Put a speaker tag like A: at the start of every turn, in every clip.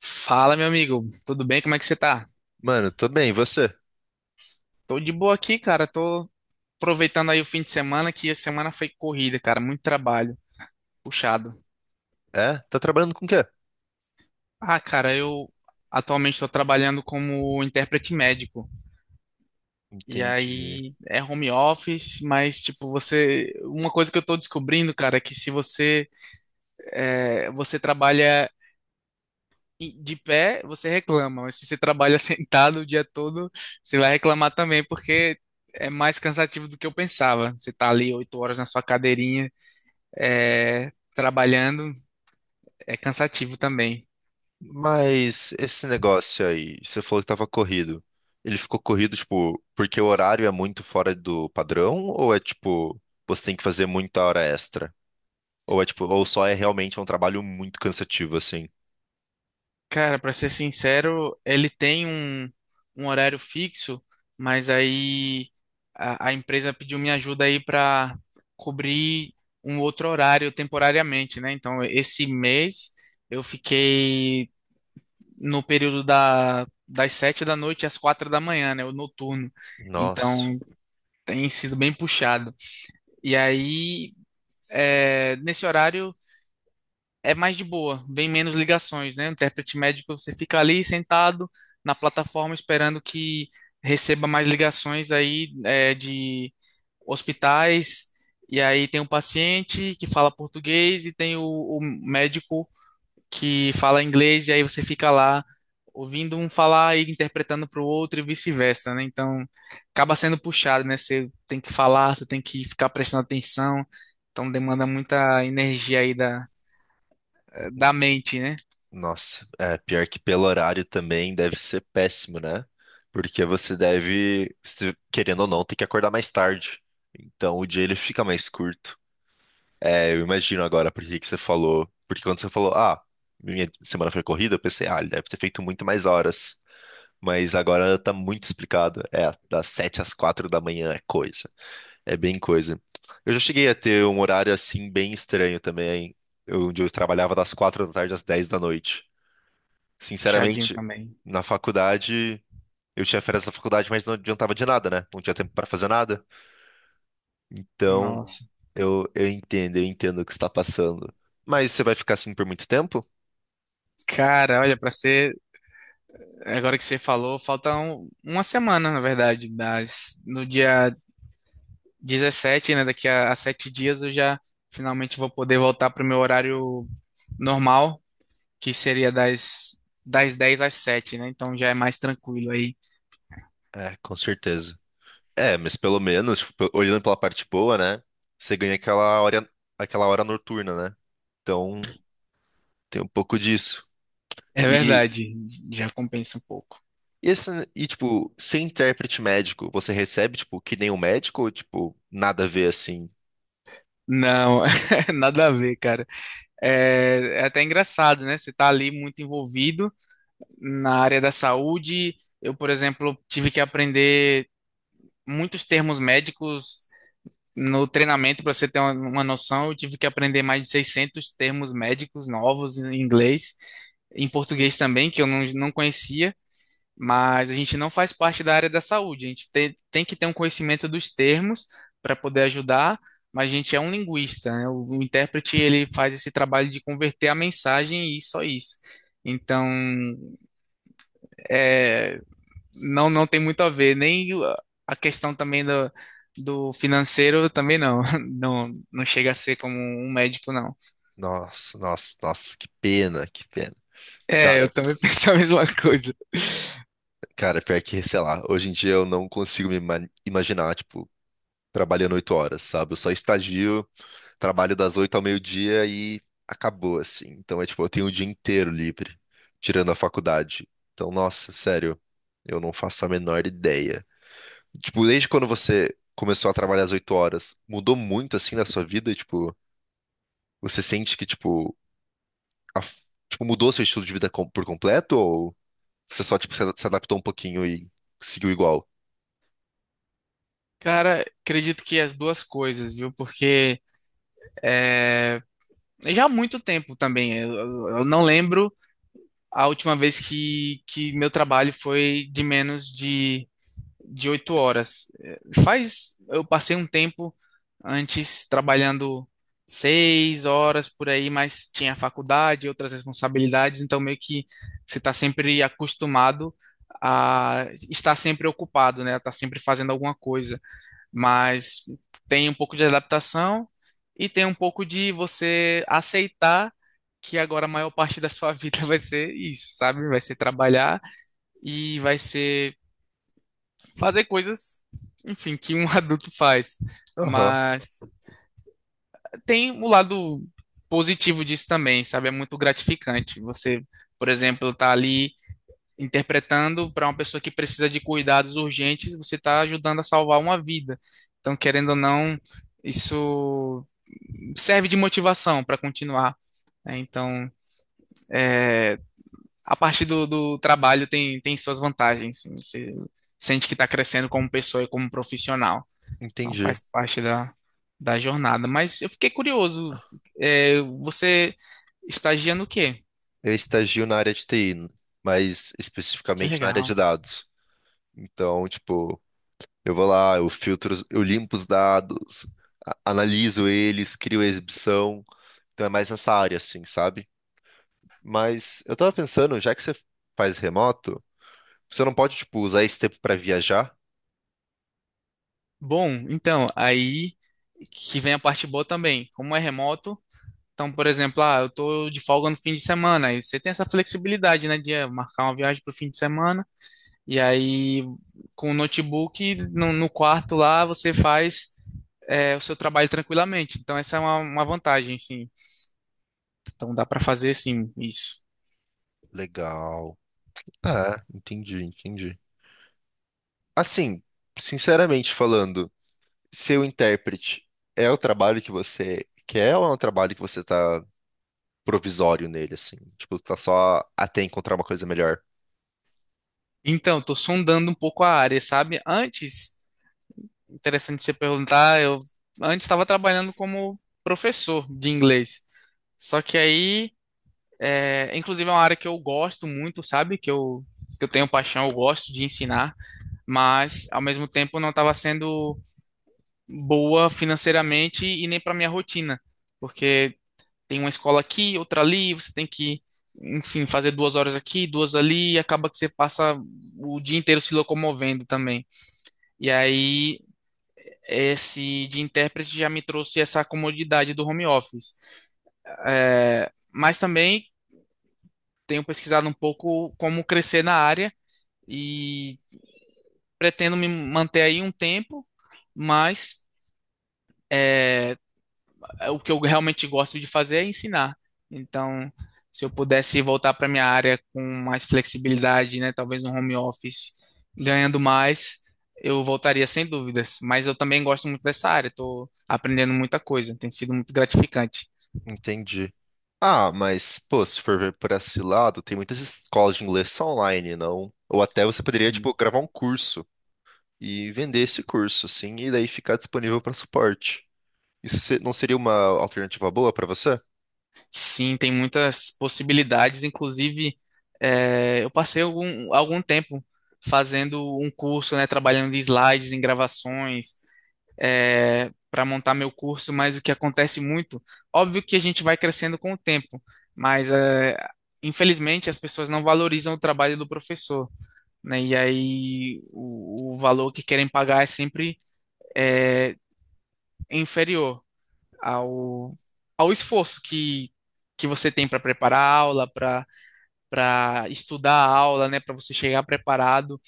A: Fala, meu amigo. Tudo bem? Como é que você tá?
B: Mano, tô bem, e você?
A: Tô de boa aqui, cara. Tô aproveitando aí o fim de semana, que a semana foi corrida, cara. Muito trabalho, puxado.
B: É? Tá trabalhando com o quê?
A: Ah, cara, eu atualmente tô trabalhando como intérprete médico. E
B: Entendi.
A: aí é home office, mas tipo, você. Uma coisa que eu tô descobrindo, cara, é que se você, você trabalha e de pé você reclama, mas se você trabalha sentado o dia todo, você vai reclamar também, porque é mais cansativo do que eu pensava. Você tá ali 8 horas na sua cadeirinha, trabalhando, é cansativo também.
B: Mas esse negócio aí, você falou que tava corrido. Ele ficou corrido, tipo, porque o horário é muito fora do padrão? Ou é tipo, você tem que fazer muita hora extra? Ou é tipo, ou só é realmente um trabalho muito cansativo, assim?
A: Cara, para ser sincero, ele tem um horário fixo, mas aí a empresa pediu minha ajuda aí para cobrir um outro horário temporariamente, né? Então, esse mês eu fiquei no período das 7 da noite às 4 da manhã, né? O noturno.
B: Nossa,
A: Então tem sido bem puxado. E aí, nesse horário é mais de boa, vem menos ligações, né? O intérprete médico, você fica ali sentado na plataforma esperando que receba mais ligações aí de hospitais. E aí tem um paciente que fala português e tem o médico que fala inglês e aí você fica lá ouvindo um falar e interpretando para o outro e vice-versa, né? Então acaba sendo puxado, né? Você tem que falar, você tem que ficar prestando atenção, então demanda muita energia aí da
B: n-
A: mente, né?
B: nossa. É, pior que pelo horário também deve ser péssimo, né? Porque você deve, querendo ou não, ter que acordar mais tarde. Então o dia ele fica mais curto. É, eu imagino agora por que que você falou. Porque quando você falou, ah, minha semana foi corrida, eu pensei, ah, ele deve ter feito muito mais horas. Mas agora tá muito explicado. É, das 7 às 4 da manhã é coisa. É bem coisa. Eu já cheguei a ter um horário assim bem estranho também, onde eu trabalhava das 4 da tarde às 10 da noite.
A: Puxadinho
B: Sinceramente,
A: também.
B: na faculdade, eu tinha férias da faculdade, mas não adiantava de nada, né? Não tinha tempo pra fazer nada. Então,
A: Nossa.
B: eu entendo, eu entendo o que está passando. Mas você vai ficar assim por muito tempo?
A: Cara, olha, para ser, agora que você falou, falta uma semana, na verdade, das, no dia 17, né, daqui a 7 dias eu já finalmente vou poder voltar pro meu horário normal que seria das 10 às 7, né? Então já é mais tranquilo aí.
B: É, com certeza. É, mas pelo menos, tipo, olhando pela parte boa, né? Você ganha aquela hora noturna, né? Então, tem um pouco disso.
A: É
B: E,
A: verdade, já compensa um pouco.
B: e, esse, tipo, ser intérprete médico, você recebe, tipo, que nem um médico ou, tipo, nada a ver assim?
A: Não, nada a ver, cara. É até engraçado, né? Você tá ali muito envolvido na área da saúde. Eu, por exemplo, tive que aprender muitos termos médicos no treinamento, para você ter uma noção. Eu tive que aprender mais de 600 termos médicos novos em inglês, em português também, que eu não conhecia. Mas a gente não faz parte da área da saúde. A gente tem que ter um conhecimento dos termos para poder ajudar, mas a gente é um linguista, né? O intérprete ele faz esse trabalho de converter a mensagem e só isso. Então, é, não tem muito a ver, nem a questão também do financeiro também não. Não, não chega a ser como um médico, não.
B: Nossa, nossa, nossa, que pena, que pena.
A: É,
B: Cara,
A: eu também penso a mesma coisa.
B: cara, pior que, sei lá, hoje em dia eu não consigo imaginar, tipo, trabalhando oito horas, sabe? Eu só estagio. Trabalho das oito ao meio-dia e acabou, assim. Então é tipo, eu tenho o dia inteiro livre, tirando a faculdade. Então, nossa, sério, eu não faço a menor ideia. Tipo, desde quando você começou a trabalhar às oito horas, mudou muito assim na sua vida? Tipo, você sente que, tipo, tipo, mudou seu estilo de vida por completo? Ou você só, tipo, se adaptou um pouquinho e seguiu igual?
A: Cara, acredito que as duas coisas, viu? Porque é, já há muito tempo também. Eu não lembro a última vez que meu trabalho foi de menos de 8 horas. Faz, eu passei um tempo antes trabalhando 6 horas por aí, mas tinha faculdade, outras responsabilidades, então meio que você está sempre acostumado a estar sempre ocupado, né? A sempre fazendo alguma coisa. Mas tem um pouco de adaptação e tem um pouco de você aceitar que agora a maior parte da sua vida vai ser isso, sabe? Vai ser trabalhar e vai ser fazer coisas, enfim, que um adulto faz.
B: Aham,
A: Mas tem o lado positivo disso também, sabe? É muito gratificante. Você, por exemplo, tá ali interpretando para uma pessoa que precisa de cuidados urgentes, você está ajudando a salvar uma vida. Então, querendo ou não, isso serve de motivação para continuar, né? Então, é, a parte do trabalho tem, tem suas vantagens, sim. Você sente que está crescendo como pessoa e como profissional. Então
B: entendi.
A: faz parte da jornada. Mas eu fiquei curioso. Você estagia no quê?
B: Eu estagio na área de TI, mas
A: Que
B: especificamente na área de
A: legal.
B: dados. Então, tipo. Eu vou lá, eu filtro, eu limpo os dados, analiso eles, crio a exibição. Então é mais nessa área, assim, sabe? Mas eu tava pensando, já que você faz remoto, você não pode, tipo, usar esse tempo pra viajar?
A: Bom, então, aí que vem a parte boa também. Como é remoto, então, por exemplo, ah, eu tô de folga no fim de semana. Aí você tem essa flexibilidade, né, de marcar uma viagem para o fim de semana. E aí, com o notebook no quarto lá, você faz o seu trabalho tranquilamente. Então, essa é uma vantagem, sim. Então, dá para fazer, sim, isso.
B: Legal. Ah, entendi, entendi. Assim, sinceramente falando, seu intérprete é o trabalho que você quer ou é um trabalho que você tá provisório nele, assim? Tipo, tá só até encontrar uma coisa melhor?
A: Então, estou sondando um pouco a área, sabe? Antes, interessante você perguntar, eu antes estava trabalhando como professor de inglês. Só que aí, inclusive é uma área que eu gosto muito, sabe? Que eu tenho paixão, eu gosto de ensinar, mas ao mesmo tempo não estava sendo boa financeiramente e nem para minha rotina, porque tem uma escola aqui, outra ali, você tem que, enfim, fazer 2 horas aqui, duas ali, e acaba que você passa o dia inteiro se locomovendo também. E aí, esse de intérprete já me trouxe essa comodidade do home office. Mas também tenho pesquisado um pouco como crescer na área e pretendo me manter aí um tempo, mas o que eu realmente gosto de fazer é ensinar. Então, se eu pudesse voltar para minha área com mais flexibilidade, né, talvez no home office, ganhando mais, eu voltaria sem dúvidas. Mas eu também gosto muito dessa área, estou aprendendo muita coisa, tem sido muito gratificante.
B: Entendi. Ah, mas, pô, se for ver por esse lado, tem muitas escolas de inglês só online, não? Ou até você poderia,
A: Sim,
B: tipo, gravar um curso e vender esse curso, assim, e daí ficar disponível para suporte. Não seria uma alternativa boa para você?
A: sim, tem muitas possibilidades. Inclusive, eu passei algum tempo fazendo um curso, né, trabalhando em slides, em gravações, para montar meu curso, mas o que acontece muito, óbvio que a gente vai crescendo com o tempo, mas infelizmente as pessoas não valorizam o trabalho do professor, né? E aí o valor que querem pagar é sempre é, inferior ao, ao esforço que você tem para preparar a aula, para estudar a aula, né? Para você chegar preparado,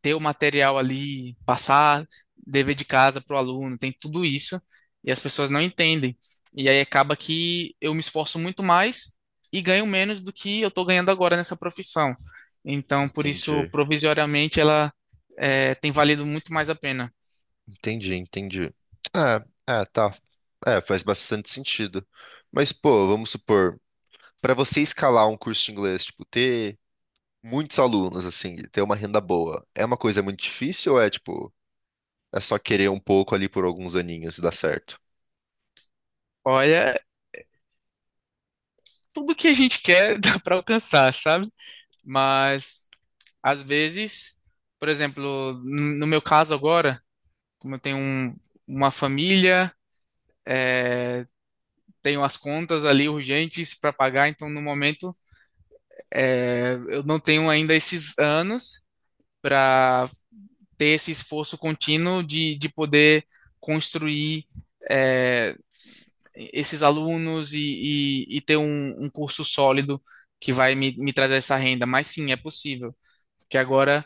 A: ter o material ali, passar dever de casa para o aluno, tem tudo isso, e as pessoas não entendem. E aí acaba que eu me esforço muito mais e ganho menos do que eu estou ganhando agora nessa profissão. Então, por isso,
B: Entendi.
A: provisoriamente, ela tem valido muito mais a pena.
B: Entendi, entendi. Ah, é, tá. É, faz bastante sentido. Mas, pô, vamos supor, para você escalar um curso de inglês, tipo, ter muitos alunos, assim, e ter uma renda boa, é uma coisa muito difícil ou é, tipo. É só querer um pouco ali por alguns aninhos e dá certo.
A: Olha, tudo que a gente quer dá para alcançar, sabe? Mas, às vezes, por exemplo, no meu caso agora, como eu tenho uma família, é, tenho as contas ali urgentes para pagar. Então, no momento, eu não tenho ainda esses anos para ter esse esforço contínuo de poder construir é, esses alunos e ter um curso sólido que vai me trazer essa renda. Mas sim, é possível, porque agora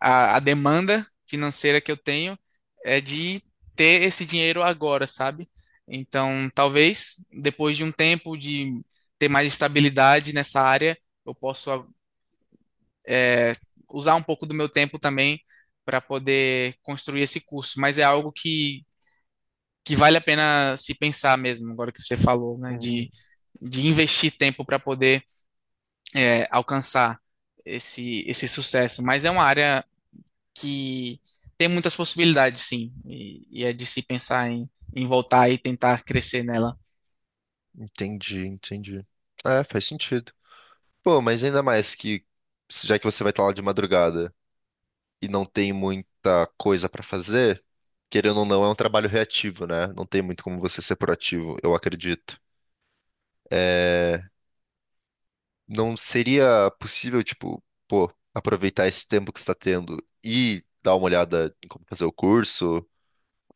A: a demanda financeira que eu tenho é de ter esse dinheiro agora, sabe? Então, talvez depois de um tempo de ter mais estabilidade nessa área, eu possa é, usar um pouco do meu tempo também para poder construir esse curso. Mas é algo que vale a pena se pensar mesmo, agora que você falou, né?
B: Hum,
A: De investir tempo para poder alcançar esse sucesso. Mas é uma área que tem muitas possibilidades, sim, e é de se pensar em voltar e tentar crescer nela.
B: entendi, entendi. É, faz sentido. Pô, mas ainda mais que, já que você vai estar lá de madrugada e não tem muita coisa pra fazer, querendo ou não, é um trabalho reativo, né? Não tem muito como você ser proativo, eu acredito. É, não seria possível, tipo, pô, aproveitar esse tempo que você está tendo e dar uma olhada em como fazer o curso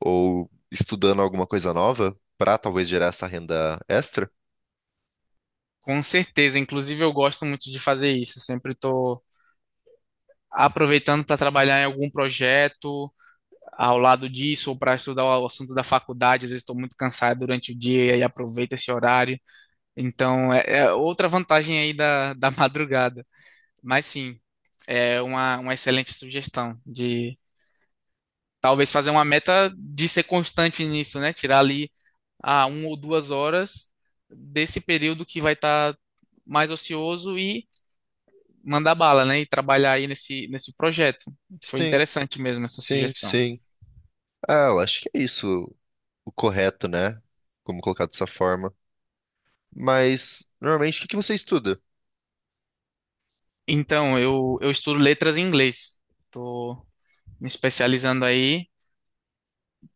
B: ou estudando alguma coisa nova para talvez gerar essa renda extra?
A: Com certeza, inclusive eu gosto muito de fazer isso, eu sempre estou aproveitando para trabalhar em algum projeto ao lado disso, ou para estudar o assunto da faculdade. Às vezes estou muito cansado durante o dia e aí aproveito esse horário. Então, é outra vantagem aí da, da madrugada. Mas sim, é uma excelente sugestão de talvez fazer uma meta de ser constante nisso, né? Tirar ali a 1 ou 2 horas desse período que vai estar mais ocioso e mandar bala, né? E trabalhar aí nesse projeto. Foi
B: Sim,
A: interessante mesmo essa
B: sim,
A: sugestão.
B: sim. Ah, eu acho que é isso o correto, né? Como colocar dessa forma. Mas, normalmente, o que que você estuda?
A: Então, eu estudo letras em inglês. Estou me especializando aí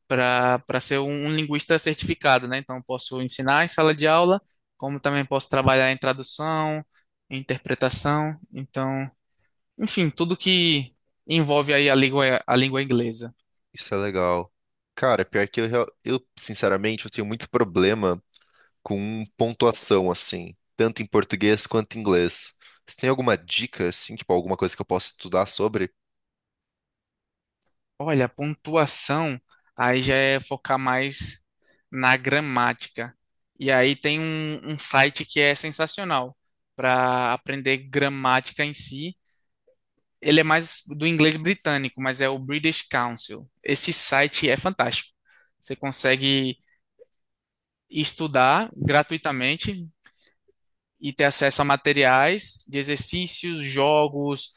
A: para ser um linguista certificado, né? Então, eu posso ensinar em sala de aula, como também posso trabalhar em tradução, em interpretação. Então, enfim, tudo que envolve aí a língua inglesa.
B: Isso é legal. Cara, pior que eu, eu sinceramente, eu tenho muito problema com pontuação, assim, tanto em português quanto em inglês. Você tem alguma dica, assim, tipo, alguma coisa que eu possa estudar sobre?
A: Olha, a pontuação aí já é focar mais na gramática. E aí tem um site que é sensacional para aprender gramática em si. Ele é mais do inglês britânico, mas é o British Council. Esse site é fantástico. Você consegue estudar gratuitamente e ter acesso a materiais de exercícios, jogos,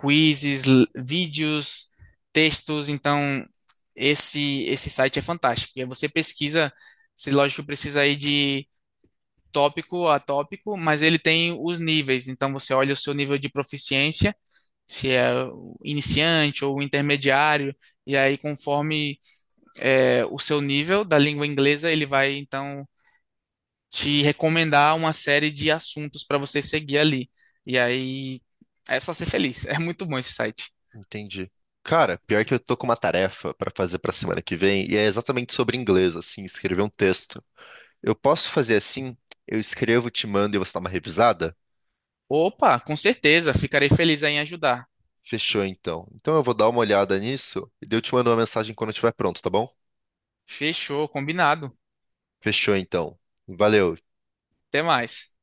A: quizzes, vídeos, textos. Então, esse site é fantástico. E aí você pesquisa, se lógico precisa ir de tópico a tópico, mas ele tem os níveis. Então, você olha o seu nível de proficiência, se é o iniciante ou o intermediário, e aí conforme o seu nível da língua inglesa, ele vai então te recomendar uma série de assuntos para você seguir ali. E aí é só ser feliz. É muito bom esse site.
B: Entendi. Cara, pior que eu tô com uma tarefa pra fazer pra semana que vem, e é exatamente sobre inglês, assim, escrever um texto. Eu posso fazer assim? Eu escrevo, te mando e você dá uma revisada?
A: Opa, com certeza, ficarei feliz aí em ajudar.
B: Fechou, então. Então eu vou dar uma olhada nisso e daí eu te mando uma mensagem quando eu estiver pronto, tá bom?
A: Fechou, combinado.
B: Fechou, então. Valeu.
A: Até mais.